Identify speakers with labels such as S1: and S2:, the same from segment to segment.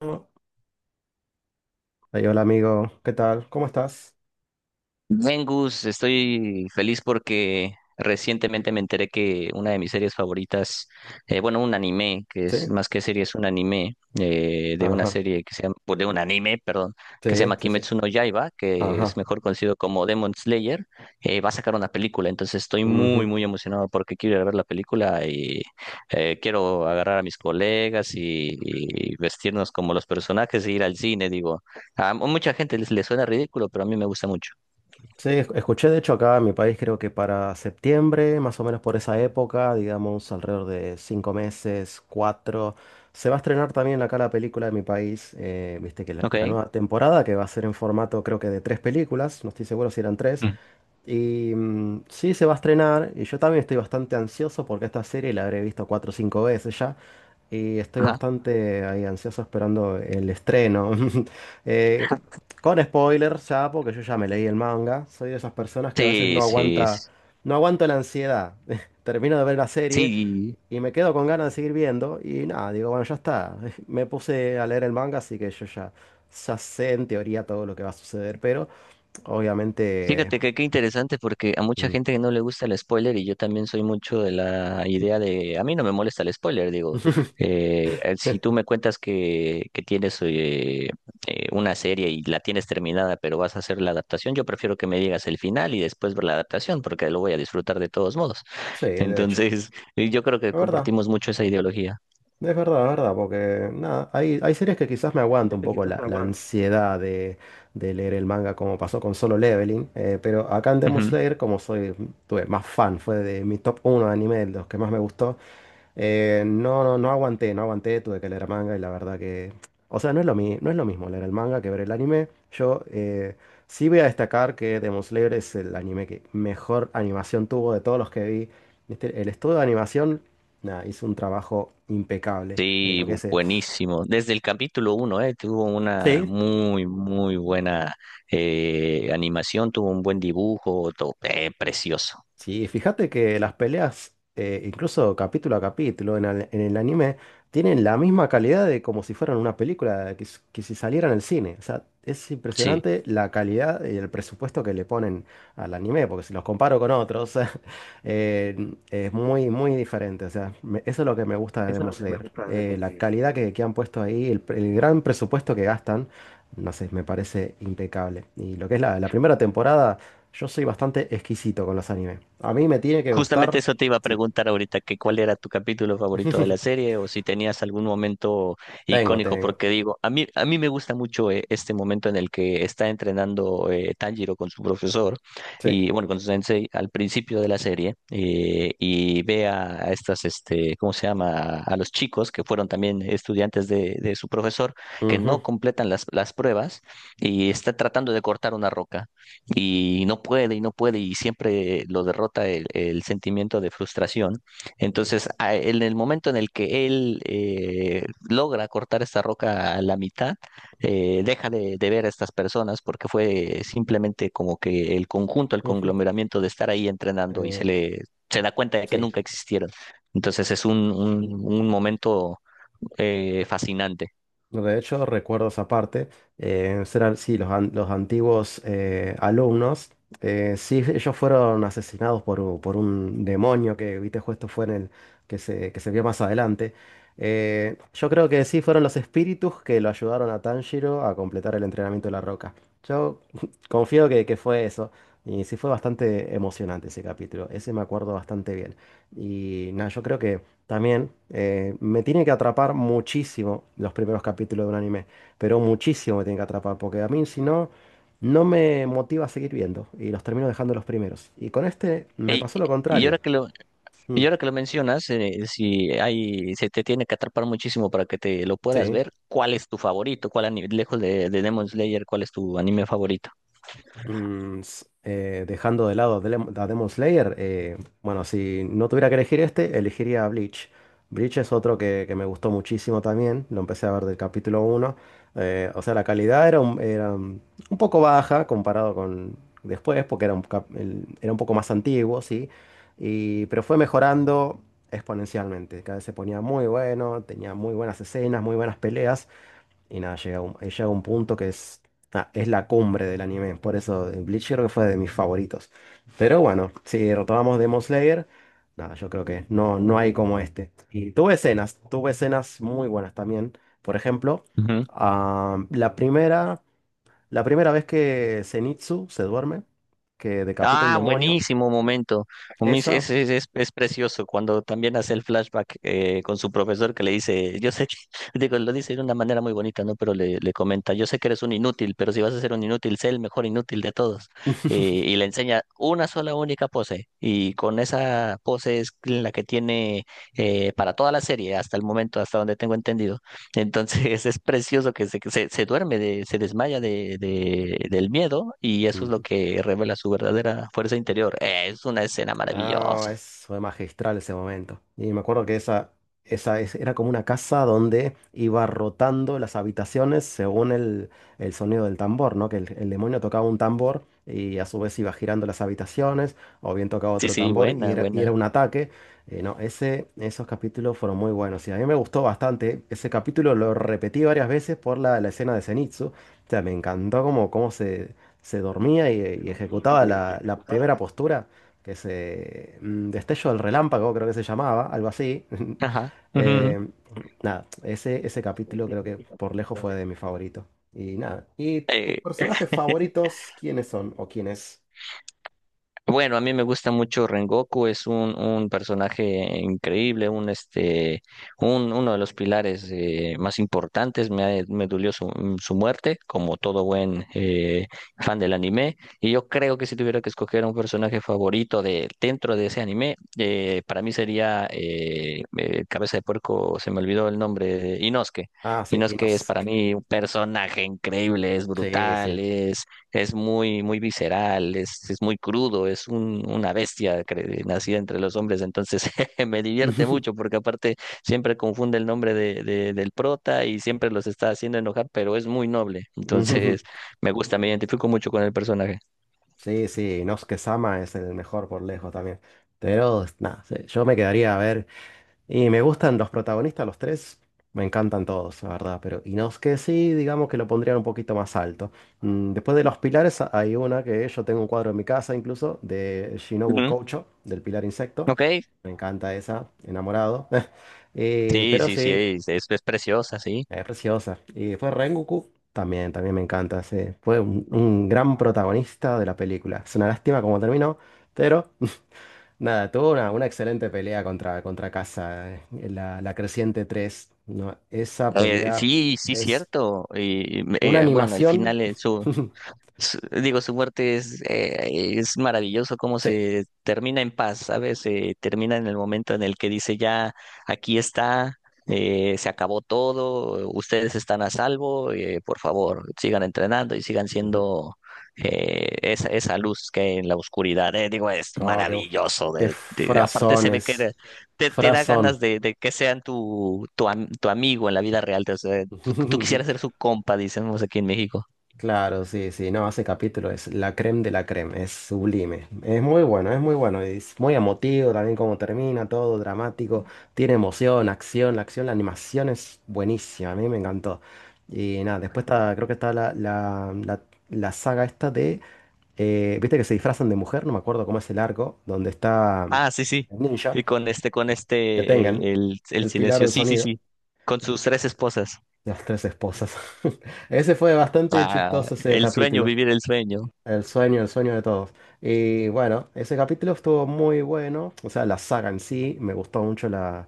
S1: Ahí, hola amigo, ¿qué tal? ¿Cómo estás?
S2: Bien, Gus, estoy feliz porque recientemente me enteré que una de mis series favoritas, bueno, un anime, que es
S1: Sí,
S2: más que serie, es un anime de una
S1: ajá,
S2: serie que se llama, pues, de un anime, perdón,
S1: sí,
S2: que se llama
S1: sí, sí,
S2: Kimetsu no Yaiba, que es
S1: ajá.
S2: mejor conocido como Demon Slayer, va a sacar una película. Entonces estoy muy,
S1: Ujú.
S2: muy emocionado porque quiero ir a ver la película y quiero agarrar a mis colegas y vestirnos como los personajes e ir al cine, digo. A mucha gente les suena ridículo, pero a mí me gusta mucho.
S1: Sí, escuché de hecho acá en mi país, creo que para septiembre, más o menos por esa época, digamos alrededor de 5 meses, cuatro, se va a estrenar también acá la película de mi país, viste que la
S2: Ok.
S1: nueva temporada que va a ser en formato creo que de tres películas, no estoy seguro si eran tres,
S2: Mm.
S1: y sí se va a estrenar, y yo también estoy bastante ansioso porque esta serie la habré visto cuatro o cinco veces ya. Y estoy
S2: Ajá.
S1: bastante ahí ansioso esperando el estreno. Eh, con spoilers ya, porque yo ya me leí el manga. Soy de esas personas que a veces
S2: Sí,
S1: no
S2: sí,
S1: aguanta,
S2: s-
S1: no aguanto la ansiedad. Termino de ver la serie
S2: sí.
S1: y me quedo con ganas de seguir viendo. Y nada, digo, bueno, ya está. Me puse a leer el manga, así que yo ya sé en teoría todo lo que va a suceder. Pero obviamente.
S2: Fíjate que qué interesante, porque a mucha
S1: mm.
S2: gente que no le gusta el spoiler, y yo también soy mucho de la idea de, a mí no me molesta el spoiler, digo, si tú me cuentas que tienes una serie y la tienes terminada pero vas a hacer la adaptación, yo prefiero que me digas el final y después ver la adaptación porque lo voy a disfrutar de todos modos.
S1: Sí, de hecho.
S2: Entonces, yo creo que
S1: La verdad.
S2: compartimos mucho esa ideología.
S1: Es verdad, es verdad, porque nada, hay series que quizás me aguanta un poco la ansiedad de leer el manga como pasó con Solo Leveling, pero acá en Demon Slayer, como soy, tuve más fan, fue de mi top uno de anime, de los que más me gustó, no, no, no aguanté, no aguanté, tuve que leer manga y la verdad que... O sea, no es no es lo mismo leer el manga que ver el anime. Yo sí voy a destacar que Demon Slayer es el anime que mejor animación tuvo de todos los que vi. El estudio de animación, nada, hizo un trabajo impecable en
S2: Sí,
S1: lo que es...
S2: buenísimo. Desde el capítulo uno, tuvo una
S1: Sí,
S2: muy, muy buena animación, tuvo un buen dibujo, todo, precioso.
S1: sí, fíjate que las peleas, incluso capítulo a capítulo en el anime, tienen la misma calidad de como si fueran una película que si saliera en el cine. O sea, es
S2: Sí.
S1: impresionante la calidad y el presupuesto que le ponen al anime, porque si los comparo con otros, es muy, muy diferente. O sea, eso es lo que me gusta de Demon Slayer. La calidad que han puesto ahí, el gran presupuesto que gastan, no sé, me parece impecable. Y lo que es la primera temporada. Yo soy bastante exquisito con los animes. A mí me tiene que
S2: Justamente
S1: gustar.
S2: eso te iba a
S1: Sí.
S2: preguntar ahorita, que ¿cuál era tu capítulo favorito de la serie o si tenías algún momento
S1: Tengo,
S2: icónico?
S1: tengo.
S2: Porque digo, a mí me gusta mucho este momento en el que está entrenando, Tanjiro con su profesor
S1: Sí.
S2: y bueno, con su sensei al principio de la serie. Y ve a estas, este, ¿cómo se llama? A los chicos que fueron también estudiantes de su profesor, que
S1: Ujú,
S2: no completan las pruebas, y está tratando de cortar una roca y no puede y no puede, y siempre lo derrota el sentimiento de frustración. Entonces, en el momento en el que él logra cortar esta roca a la mitad, deja de ver a estas personas, porque fue simplemente como que el conjunto, el
S1: ujú.
S2: conglomeramiento de estar ahí entrenando, y se
S1: Eh,
S2: le se da cuenta de que
S1: sí.
S2: nunca existieron. Entonces es un momento fascinante.
S1: No, de hecho, recuerdo esa parte. Serán, sí, los antiguos alumnos. Sí, ellos fueron asesinados por un demonio que, viste, justo fue en el que se vio más adelante. Yo creo que sí fueron los espíritus que lo ayudaron a Tanjiro a completar el entrenamiento de la roca. Yo confío que fue eso. Y sí fue bastante emocionante ese capítulo. Ese me acuerdo bastante bien. Y nada, yo creo que. También, me tiene que atrapar muchísimo los primeros capítulos de un anime, pero muchísimo me tiene que atrapar, porque a mí si no, no me motiva a seguir viendo y los termino dejando los primeros. Y con este me
S2: Y,
S1: pasó lo
S2: y
S1: contrario.
S2: ahora que lo,
S1: Mm,
S2: Y ahora que lo mencionas, si hay, se te tiene que atrapar muchísimo para que te lo puedas
S1: sí.
S2: ver, ¿cuál es tu favorito? ¿Cuál anime, lejos de Demon Slayer, cuál es tu anime favorito?
S1: Dejando de lado a Demon Slayer, bueno, si no tuviera que elegir este, elegiría Bleach. Bleach es otro que me gustó muchísimo también, lo empecé a ver del capítulo uno, o sea, la calidad era un poco baja comparado con después, porque era un poco más antiguo, sí, pero fue mejorando exponencialmente. Cada vez se ponía muy bueno, tenía muy buenas escenas, muy buenas peleas. Y nada, llega un punto que es la cumbre del anime. Por eso, Bleach creo que fue de mis favoritos. Pero bueno, si retomamos Demon Slayer, nada, yo creo que no, no hay como este. Y tuve escenas muy buenas también. Por ejemplo, ah, la primera, la primera vez que Zenitsu se duerme, que decapita un
S2: Ah,
S1: demonio,
S2: buenísimo momento.
S1: esa.
S2: Es precioso cuando también hace el flashback, con su profesor que le dice, yo sé que, digo, lo dice de una manera muy bonita, ¿no? Pero le comenta, yo sé que eres un inútil, pero si vas a ser un inútil, sé el mejor inútil de todos. Y le enseña una sola única pose. Y con esa pose es la que tiene para toda la serie, hasta el momento, hasta donde tengo entendido. Entonces es precioso que se duerme, de, se desmaya del miedo, y eso es lo que revela su verdadera fuerza interior. Es una escena
S1: No,
S2: maravillosa.
S1: fue magistral ese momento. Y me acuerdo que esa era como una casa donde iba rotando las habitaciones según el sonido del tambor, ¿no? Que el demonio tocaba un tambor y a su vez iba girando las habitaciones, o bien tocaba
S2: Sí,
S1: otro
S2: sí,
S1: tambor y
S2: buena,
S1: era, y era
S2: buena.
S1: un ataque. No, esos capítulos fueron muy buenos y a mí me gustó bastante. Ese capítulo lo repetí varias veces por la escena de Zenitsu. O sea, me encantó cómo se dormía y ejecutaba la primera postura Destello del Relámpago, creo que se llamaba, algo así.
S2: Ajá. Ujú, ujú.
S1: Eh, Nada, ese capítulo creo que por lejos fue de mi favorito. Y nada, ¿y tus
S2: Eh,
S1: personajes favoritos quiénes son o quién es?
S2: Bueno, a mí me gusta mucho Rengoku, es un personaje increíble, un este, un, uno de los pilares, más importantes. Me dolió su muerte, como todo buen fan del anime. Y yo creo que si tuviera que escoger un personaje favorito de dentro de ese anime, para mí sería Cabeza de Puerco, se me olvidó el nombre, Inosuke.
S1: Ah, sí,
S2: Inosuke es para
S1: Inosuke.
S2: mí un personaje increíble, es
S1: Sí,
S2: brutal,
S1: sí.
S2: es muy, muy visceral, es muy crudo, es una bestia nacida entre los hombres. Entonces me divierte mucho porque aparte siempre confunde el nombre del prota y siempre los está haciendo enojar, pero es muy noble.
S1: Ujú.
S2: Entonces me gusta, me identifico mucho con el personaje.
S1: Sí, sí, Inosuke-sama es el mejor por lejos también. Pero nada, sí, yo me quedaría a ver. Y me gustan los protagonistas, los tres. Me encantan todos, la verdad. Pero Inosuke sí, digamos que lo pondrían un poquito más alto. Después de los pilares, hay una que yo tengo un cuadro en mi casa, incluso de Shinobu
S2: Ujú.
S1: Koucho, del pilar insecto.
S2: Ok,
S1: Me encanta esa, enamorado.
S2: sí,
S1: Pero
S2: sí, sí,
S1: sí,
S2: es, es preciosa, sí.
S1: es preciosa. Y después Rengoku también me encanta. Sí. Fue un gran protagonista de la película. Es una lástima como terminó, pero. Nada, tuvo una excelente pelea contra Casa, la Creciente 3, ¿no? Esa pelea
S2: Sí, sí,
S1: es
S2: cierto. Y,
S1: una
S2: bueno, el
S1: animación.
S2: final es su... digo, su muerte es maravilloso cómo
S1: Sí.
S2: se termina en paz, ¿sabes? Se termina en el momento en el que dice ya, aquí está, se acabó todo, ustedes están a salvo, por favor, sigan entrenando y sigan
S1: Ujú.
S2: siendo esa, esa luz que hay en la oscuridad. Eh, digo, es
S1: Como que, uf,
S2: maravilloso.
S1: qué
S2: Aparte se ve que
S1: frasones.
S2: te, te da
S1: Frasón.
S2: ganas de que sean tu, tu amigo en la vida real. O sea, tú quisieras ser su compa, dicemos aquí en México.
S1: Claro, sí, sí, no, ese capítulo es la creme de la creme, es sublime, es muy bueno, es muy bueno, es muy emotivo también como termina, todo dramático, tiene emoción, acción, la animación es buenísima, a mí me encantó. Y nada, después creo que está la saga esta viste que se disfrazan de mujer, no me acuerdo cómo es el arco, donde está
S2: Ah, sí, sí.
S1: el ninja,
S2: Sí, con
S1: que
S2: este,
S1: tengan
S2: el
S1: el pilar
S2: silencio.
S1: del
S2: Sí, sí,
S1: sonido,
S2: sí. Con
S1: eh,
S2: sus tres esposas.
S1: las tres esposas. Ese fue bastante
S2: Ah,
S1: chistoso ese
S2: el sueño,
S1: capítulo.
S2: vivir el sueño.
S1: El sueño de todos. Y bueno, ese capítulo estuvo muy bueno. O sea, la saga en sí, me gustó mucho la,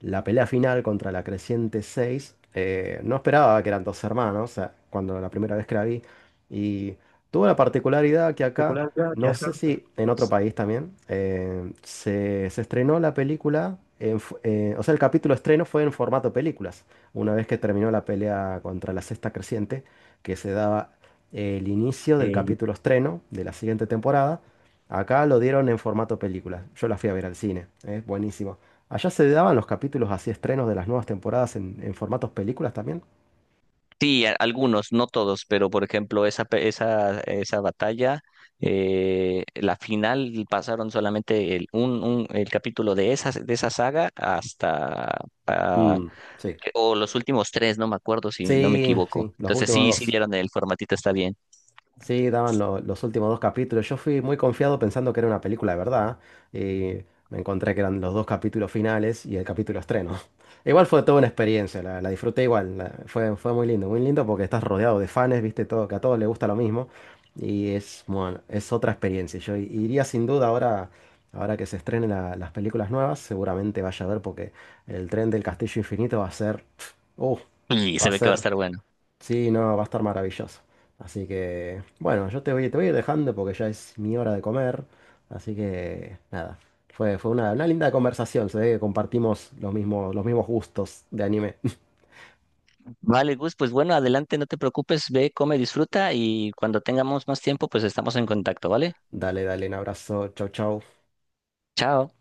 S1: la pelea final contra la Creciente seis. No esperaba que eran dos hermanos, o sea, cuando la primera vez que la vi. Y tuvo la particularidad que acá, no sé si en otro país también, se estrenó la película, o sea, el capítulo estreno fue en formato películas. Una vez que terminó la pelea contra la Sexta Creciente, que se daba el inicio del capítulo estreno de la siguiente temporada. Acá lo dieron en formato película. Yo la fui a ver al cine. Es buenísimo. ¿Allá se daban los capítulos así estrenos de las nuevas temporadas en formatos películas también?
S2: Sí, algunos, no todos, pero por ejemplo, esa, esa batalla, la final, pasaron solamente el capítulo de esa saga hasta, ah,
S1: Mm, sí.
S2: o los últimos tres, no me acuerdo, si no me
S1: Sí,
S2: equivoco.
S1: sí, los
S2: Entonces
S1: últimos
S2: sí, sí
S1: dos.
S2: dieron el formatito, está bien.
S1: Sí, daban los últimos dos capítulos. Yo fui muy confiado pensando que era una película de verdad. Y me encontré que eran los dos capítulos finales y el capítulo estreno. Igual fue toda una experiencia, la disfruté igual. Fue muy lindo porque estás rodeado de fans, viste todo, que a todos les gusta lo mismo. Y bueno, es otra experiencia. Yo iría sin duda ahora, ahora que se estrenen las películas nuevas, seguramente vaya a ver porque el tren del Castillo Infinito va a ser. Uh,
S2: Y
S1: Va
S2: se
S1: a
S2: ve que va a
S1: ser.
S2: estar bueno.
S1: Sí, no, va a estar maravilloso. Así que, bueno, te voy a ir dejando porque ya es mi hora de comer. Así que, nada, fue una linda conversación. Se ve que compartimos los mismos gustos de anime.
S2: Vale, Gus, pues bueno, adelante, no te preocupes, ve, come, disfruta, y cuando tengamos más tiempo, pues estamos en contacto, ¿vale?
S1: Dale, dale, un abrazo. Chau, chau.
S2: Chao.